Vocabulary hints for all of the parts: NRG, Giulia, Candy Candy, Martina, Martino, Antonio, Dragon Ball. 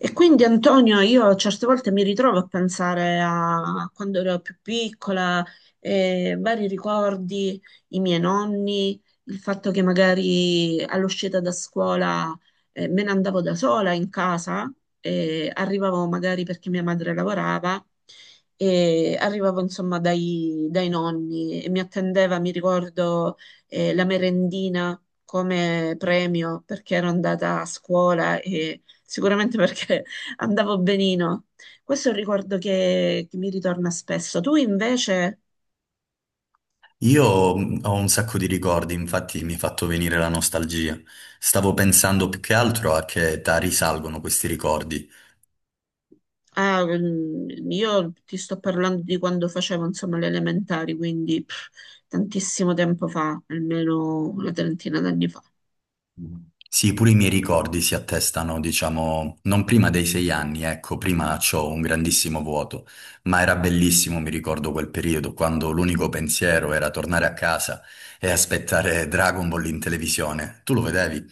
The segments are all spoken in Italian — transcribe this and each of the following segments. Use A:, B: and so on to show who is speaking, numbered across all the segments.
A: E quindi Antonio, io certe volte mi ritrovo a pensare a quando ero più piccola, vari ricordi, i miei nonni, il fatto che magari all'uscita da scuola, me ne andavo da sola in casa, arrivavo magari perché mia madre lavorava, e arrivavo insomma dai nonni e mi attendeva, mi ricordo, la merendina come premio perché ero andata a scuola e sicuramente perché andavo benino. Questo è un ricordo che mi ritorna spesso. Tu invece,
B: Io ho un sacco di ricordi, infatti mi ha fatto venire la nostalgia. Stavo pensando più che altro a che età risalgono questi ricordi.
A: ah, mm, io ti sto parlando di quando facevo, insomma, le elementari, quindi pff, tantissimo tempo fa, almeno una trentina d'anni fa.
B: Sì, pure i miei ricordi si attestano, diciamo, non prima dei 6 anni, ecco, prima c'ho un grandissimo vuoto, ma era bellissimo, mi ricordo quel periodo, quando l'unico pensiero era tornare a casa e aspettare Dragon Ball in televisione. Tu lo vedevi?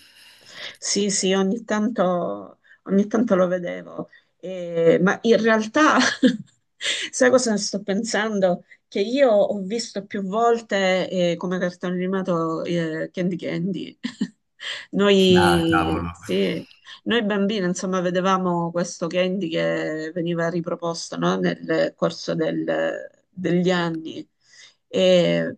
A: Sì, sì, ogni tanto lo vedevo. Ma in realtà, sai cosa sto pensando? Che io ho visto più volte come cartone animato Candy Candy.
B: Ah,
A: Noi,
B: cavolo.
A: sì, noi bambini, insomma, vedevamo questo candy che veniva riproposto, no, nel corso degli anni. E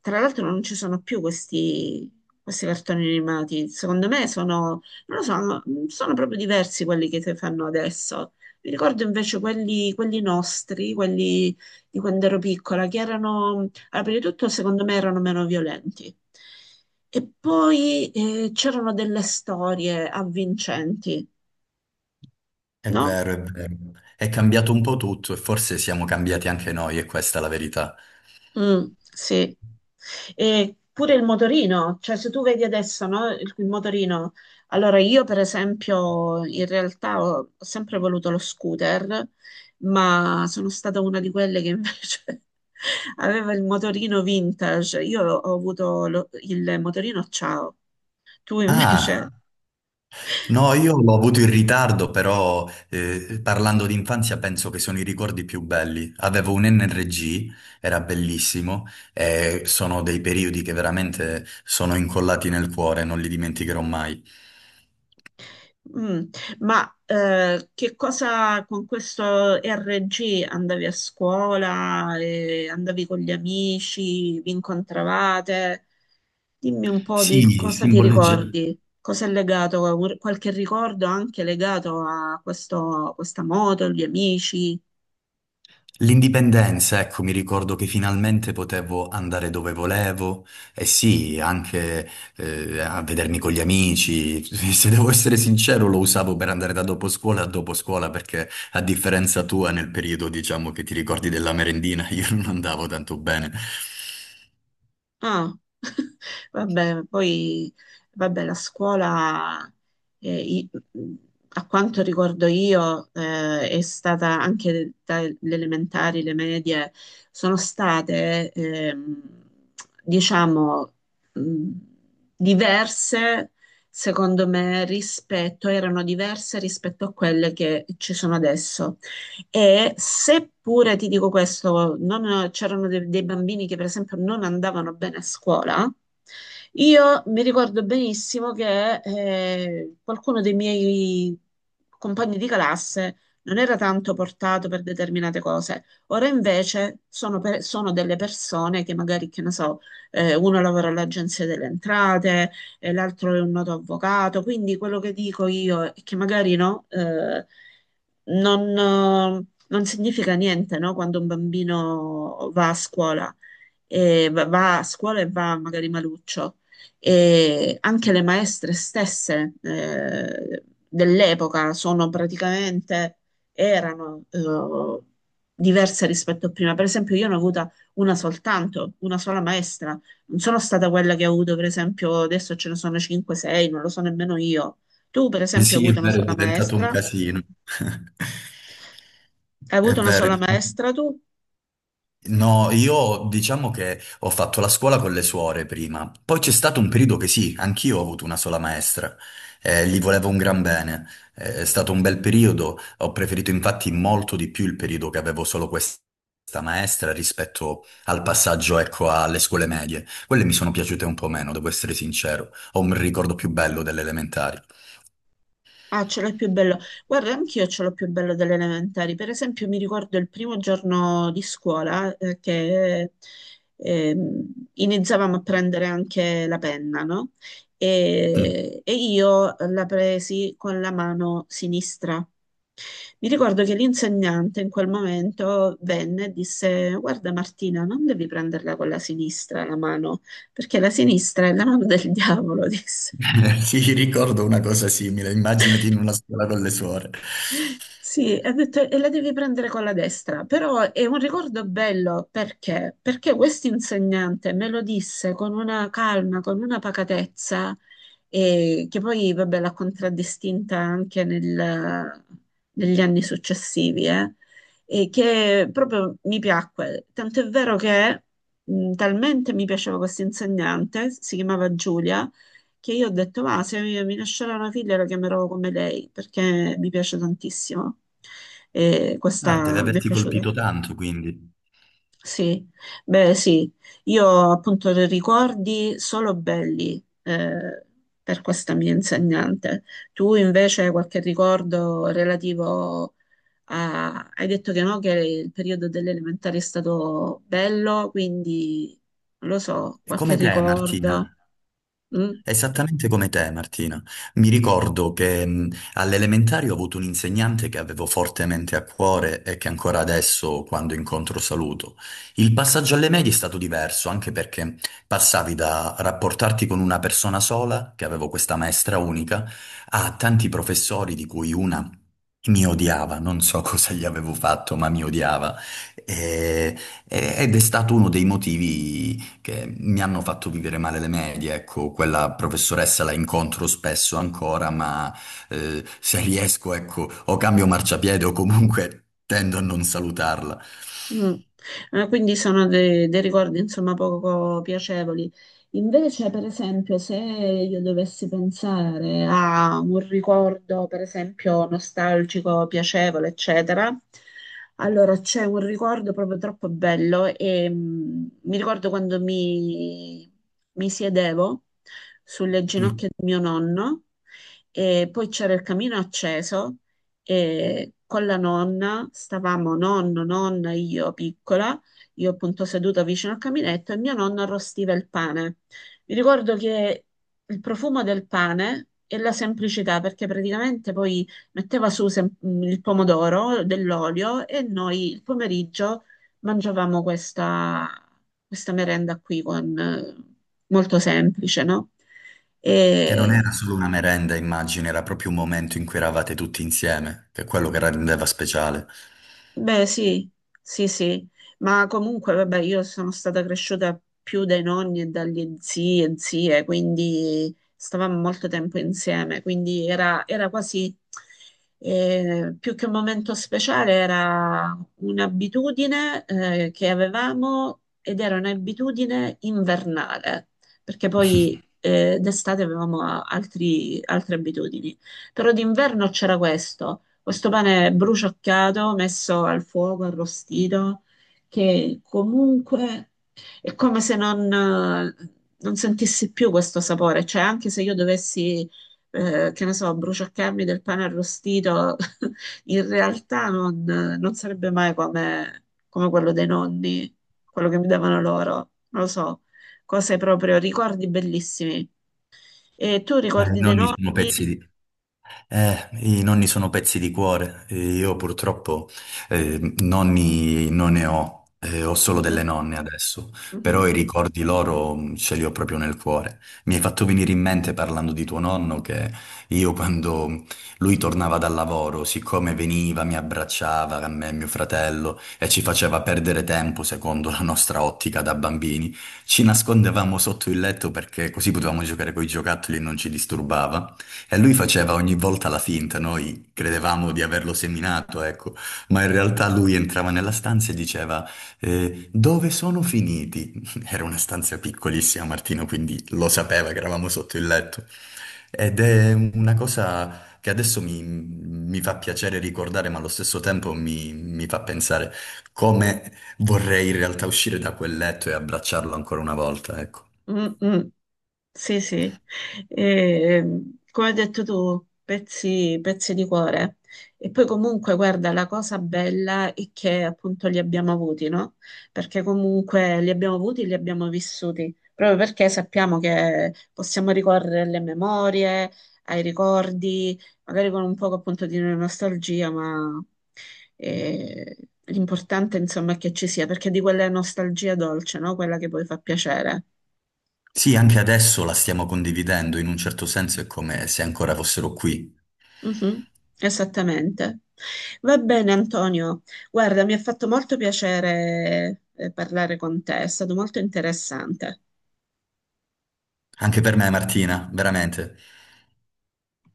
A: tra l'altro non ci sono più questi, questi cartoni animati. Secondo me sono, non lo so, sono proprio diversi quelli che si fanno adesso. Mi ricordo invece quelli, quelli nostri, quelli di quando ero piccola, che erano allora, prima di tutto, secondo me erano meno violenti. E poi c'erano delle storie avvincenti,
B: È
A: no?
B: vero, è vero. È cambiato un po' tutto e forse siamo cambiati anche noi, e questa è la verità.
A: Mm, sì. E pure il motorino, cioè se tu vedi adesso, no, il motorino. Allora, io per esempio, in realtà ho sempre voluto lo scooter, ma sono stata una di quelle che invece aveva il motorino vintage. Io ho avuto il motorino ciao. Tu
B: Ah,
A: invece?
B: no, io l'ho avuto in ritardo, però parlando di infanzia penso che sono i ricordi più belli. Avevo un NRG, era bellissimo, e sono dei periodi che veramente sono incollati nel cuore, non li dimenticherò mai.
A: Mm, ma che cosa con questo RG andavi a scuola, e andavi con gli amici, vi incontravate? Dimmi un po' di
B: Sì,
A: cosa ti
B: simboleggia.
A: ricordi, cosa è legato, qualche ricordo anche legato a questa moto, gli amici.
B: L'indipendenza, ecco, mi ricordo che finalmente potevo andare dove volevo e sì, anche a vedermi con gli amici. Se devo essere sincero, lo usavo per andare da dopo scuola a dopo scuola perché a differenza tua, nel periodo, diciamo, che ti ricordi della merendina, io non andavo tanto bene.
A: Ah, vabbè, poi vabbè, la scuola, eh, i- a quanto ricordo io, è stata anche dalle elementari, le medie, sono state, diciamo, mh, diverse, secondo me, rispetto, erano diverse rispetto a quelle che ci sono adesso. E seppure ti dico questo, c'erano dei bambini che per esempio non andavano bene a scuola, io mi ricordo benissimo che qualcuno dei miei compagni di classe non era tanto portato per determinate cose. Ora invece sono, sono delle persone che magari, che ne so, uno lavora all'agenzia delle entrate, l'altro è un noto avvocato. Quindi quello che dico io è che magari no, non, non significa niente, no, quando un bambino va a scuola e va a scuola e va magari maluccio. E anche le maestre stesse dell'epoca sono praticamente, erano diverse rispetto a prima. Per esempio, io ne ho avuta una soltanto, una sola maestra. Non sono stata quella che ho avuto, per esempio, adesso ce ne sono 5-6, non lo so nemmeno io. Tu, per esempio, hai
B: Sì, è
A: avuto una
B: vero, è
A: sola
B: diventato un
A: maestra?
B: casino.
A: Hai
B: È
A: avuto una
B: vero.
A: sola maestra tu?
B: No, io diciamo che ho fatto la scuola con le suore prima, poi c'è stato un periodo che sì, anch'io ho avuto una sola maestra, gli volevo un gran bene. È stato un bel periodo, ho preferito infatti molto di più il periodo che avevo solo questa maestra rispetto al passaggio, ecco, alle scuole medie. Quelle mi sono piaciute un po' meno, devo essere sincero, ho un ricordo più bello delle elementari.
A: Ah, ce l'ho più bello. Guarda, anch'io ce l'ho più bello delle elementari. Per esempio, mi ricordo il primo giorno di scuola che iniziavamo a prendere anche la penna, no? E io la presi con la mano sinistra. Mi ricordo che l'insegnante in quel momento venne e disse: guarda, Martina, non devi prenderla con la sinistra la mano, perché la sinistra è la mano del diavolo, disse.
B: Sì, ricordo una cosa simile, immaginati in una scuola con le suore.
A: Sì, ha detto, e la devi prendere con la destra, però è un ricordo bello perché? Perché questo insegnante me lo disse con una calma, con una pacatezza, che poi vabbè, l'ha contraddistinta anche negli anni successivi, e che proprio mi piacque. Tanto è vero che talmente mi piaceva questo insegnante, si chiamava Giulia che io ho detto, va, se mi nascerà una figlia la chiamerò come lei, perché mi piace tantissimo. E
B: Ah, deve
A: questa mi è
B: averti
A: piaciuta.
B: colpito tanto, quindi.
A: Sì, beh, sì, io ho appunto dei ricordi solo belli per questa mia insegnante. Tu invece hai qualche ricordo relativo a... Hai detto che no, che il periodo delle elementari è stato bello, quindi non lo so,
B: E
A: qualche
B: come te,
A: ricordo.
B: Martina?
A: Mm?
B: Esattamente come te, Martina. Mi ricordo che all'elementare ho avuto un insegnante che avevo fortemente a cuore e che ancora adesso, quando incontro, saluto. Il passaggio alle medie è stato diverso, anche perché passavi da rapportarti con una persona sola, che avevo questa maestra unica, a tanti professori di cui una mi odiava, non so cosa gli avevo fatto, ma mi odiava. E- ed è stato uno dei motivi che mi hanno fatto vivere male le medie, ecco, quella professoressa la incontro spesso ancora, ma se riesco, ecco, o cambio marciapiede o comunque tendo a non salutarla.
A: Mm. Quindi sono dei ricordi insomma poco piacevoli. Invece, per esempio, se io dovessi pensare a un ricordo, per esempio, nostalgico, piacevole, eccetera, allora c'è un ricordo proprio troppo bello e mm, mi ricordo quando mi siedevo sulle
B: Sì.
A: ginocchia di mio nonno e poi c'era il camino acceso e con la nonna, stavamo nonno, nonna, io piccola, io appunto seduta vicino al caminetto e mio nonno arrostiva il pane. Mi ricordo che il profumo del pane e la semplicità, perché praticamente poi metteva su il pomodoro, dell'olio e noi il pomeriggio mangiavamo questa, questa merenda qui con, molto semplice, no?
B: Che non
A: E
B: era solo una merenda, immagino, era proprio un momento in cui eravate tutti insieme, che è quello che rendeva speciale.
A: beh, sì, sì, sì, ma comunque, vabbè, io sono stata cresciuta più dai nonni e dagli zii e zie, quindi stavamo molto tempo insieme, quindi era, era quasi, più che un momento speciale, era un'abitudine, che avevamo ed era un'abitudine invernale, perché poi, d'estate avevamo altre abitudini, però d'inverno c'era questo. Questo pane bruciacchiato, messo al fuoco, arrostito, che comunque è come se non sentissi più questo sapore. Cioè, anche se io dovessi, che ne so, bruciacchiarmi del pane arrostito, in realtà non sarebbe mai come, come quello dei nonni, quello che mi davano loro. Non lo so, cose proprio, ricordi bellissimi. E tu
B: Eh, I
A: ricordi dei
B: nonni
A: nonni?
B: sono pezzi di, i nonni sono pezzi di cuore, e io purtroppo nonni non ne ho, ho solo delle
A: Mhm,
B: nonne adesso,
A: mhm,
B: però i ricordi loro ce li ho proprio nel cuore. Mi hai fatto venire in mente parlando di tuo nonno che io quando lui tornava dal lavoro, siccome veniva, mi abbracciava, a me e mio fratello, e ci faceva perdere tempo secondo la nostra ottica da bambini, ci nascondevamo sotto il letto perché così potevamo giocare con i giocattoli e non ci disturbava. E lui faceva ogni volta la finta, noi credevamo di averlo seminato, ecco, ma in realtà lui entrava nella stanza e diceva dove sono finiti? Era una stanza piccolissima, Martino, quindi lo sapeva che eravamo sotto il letto. Ed è una cosa che adesso mi fa piacere ricordare, ma allo stesso tempo mi fa pensare come vorrei in realtà uscire da quel letto e abbracciarlo ancora una volta, ecco.
A: mm, mm. Sì, sì, e, come hai detto tu, pezzi di cuore. E poi comunque, guarda, la cosa bella è che appunto li abbiamo avuti, no? Perché comunque li abbiamo avuti, li abbiamo vissuti, proprio perché sappiamo che possiamo ricorrere alle memorie, ai ricordi, magari con un poco appunto di nostalgia, ma eh, l'importante insomma è che ci sia, perché di quella nostalgia dolce, no? Quella che poi fa piacere.
B: Sì, anche adesso la stiamo condividendo, in un certo senso è come se ancora fossero qui.
A: Mhm, esattamente. Va bene, Antonio. Guarda, mi ha fatto molto piacere parlare con te, è stato molto interessante.
B: Anche per me, Martina, veramente.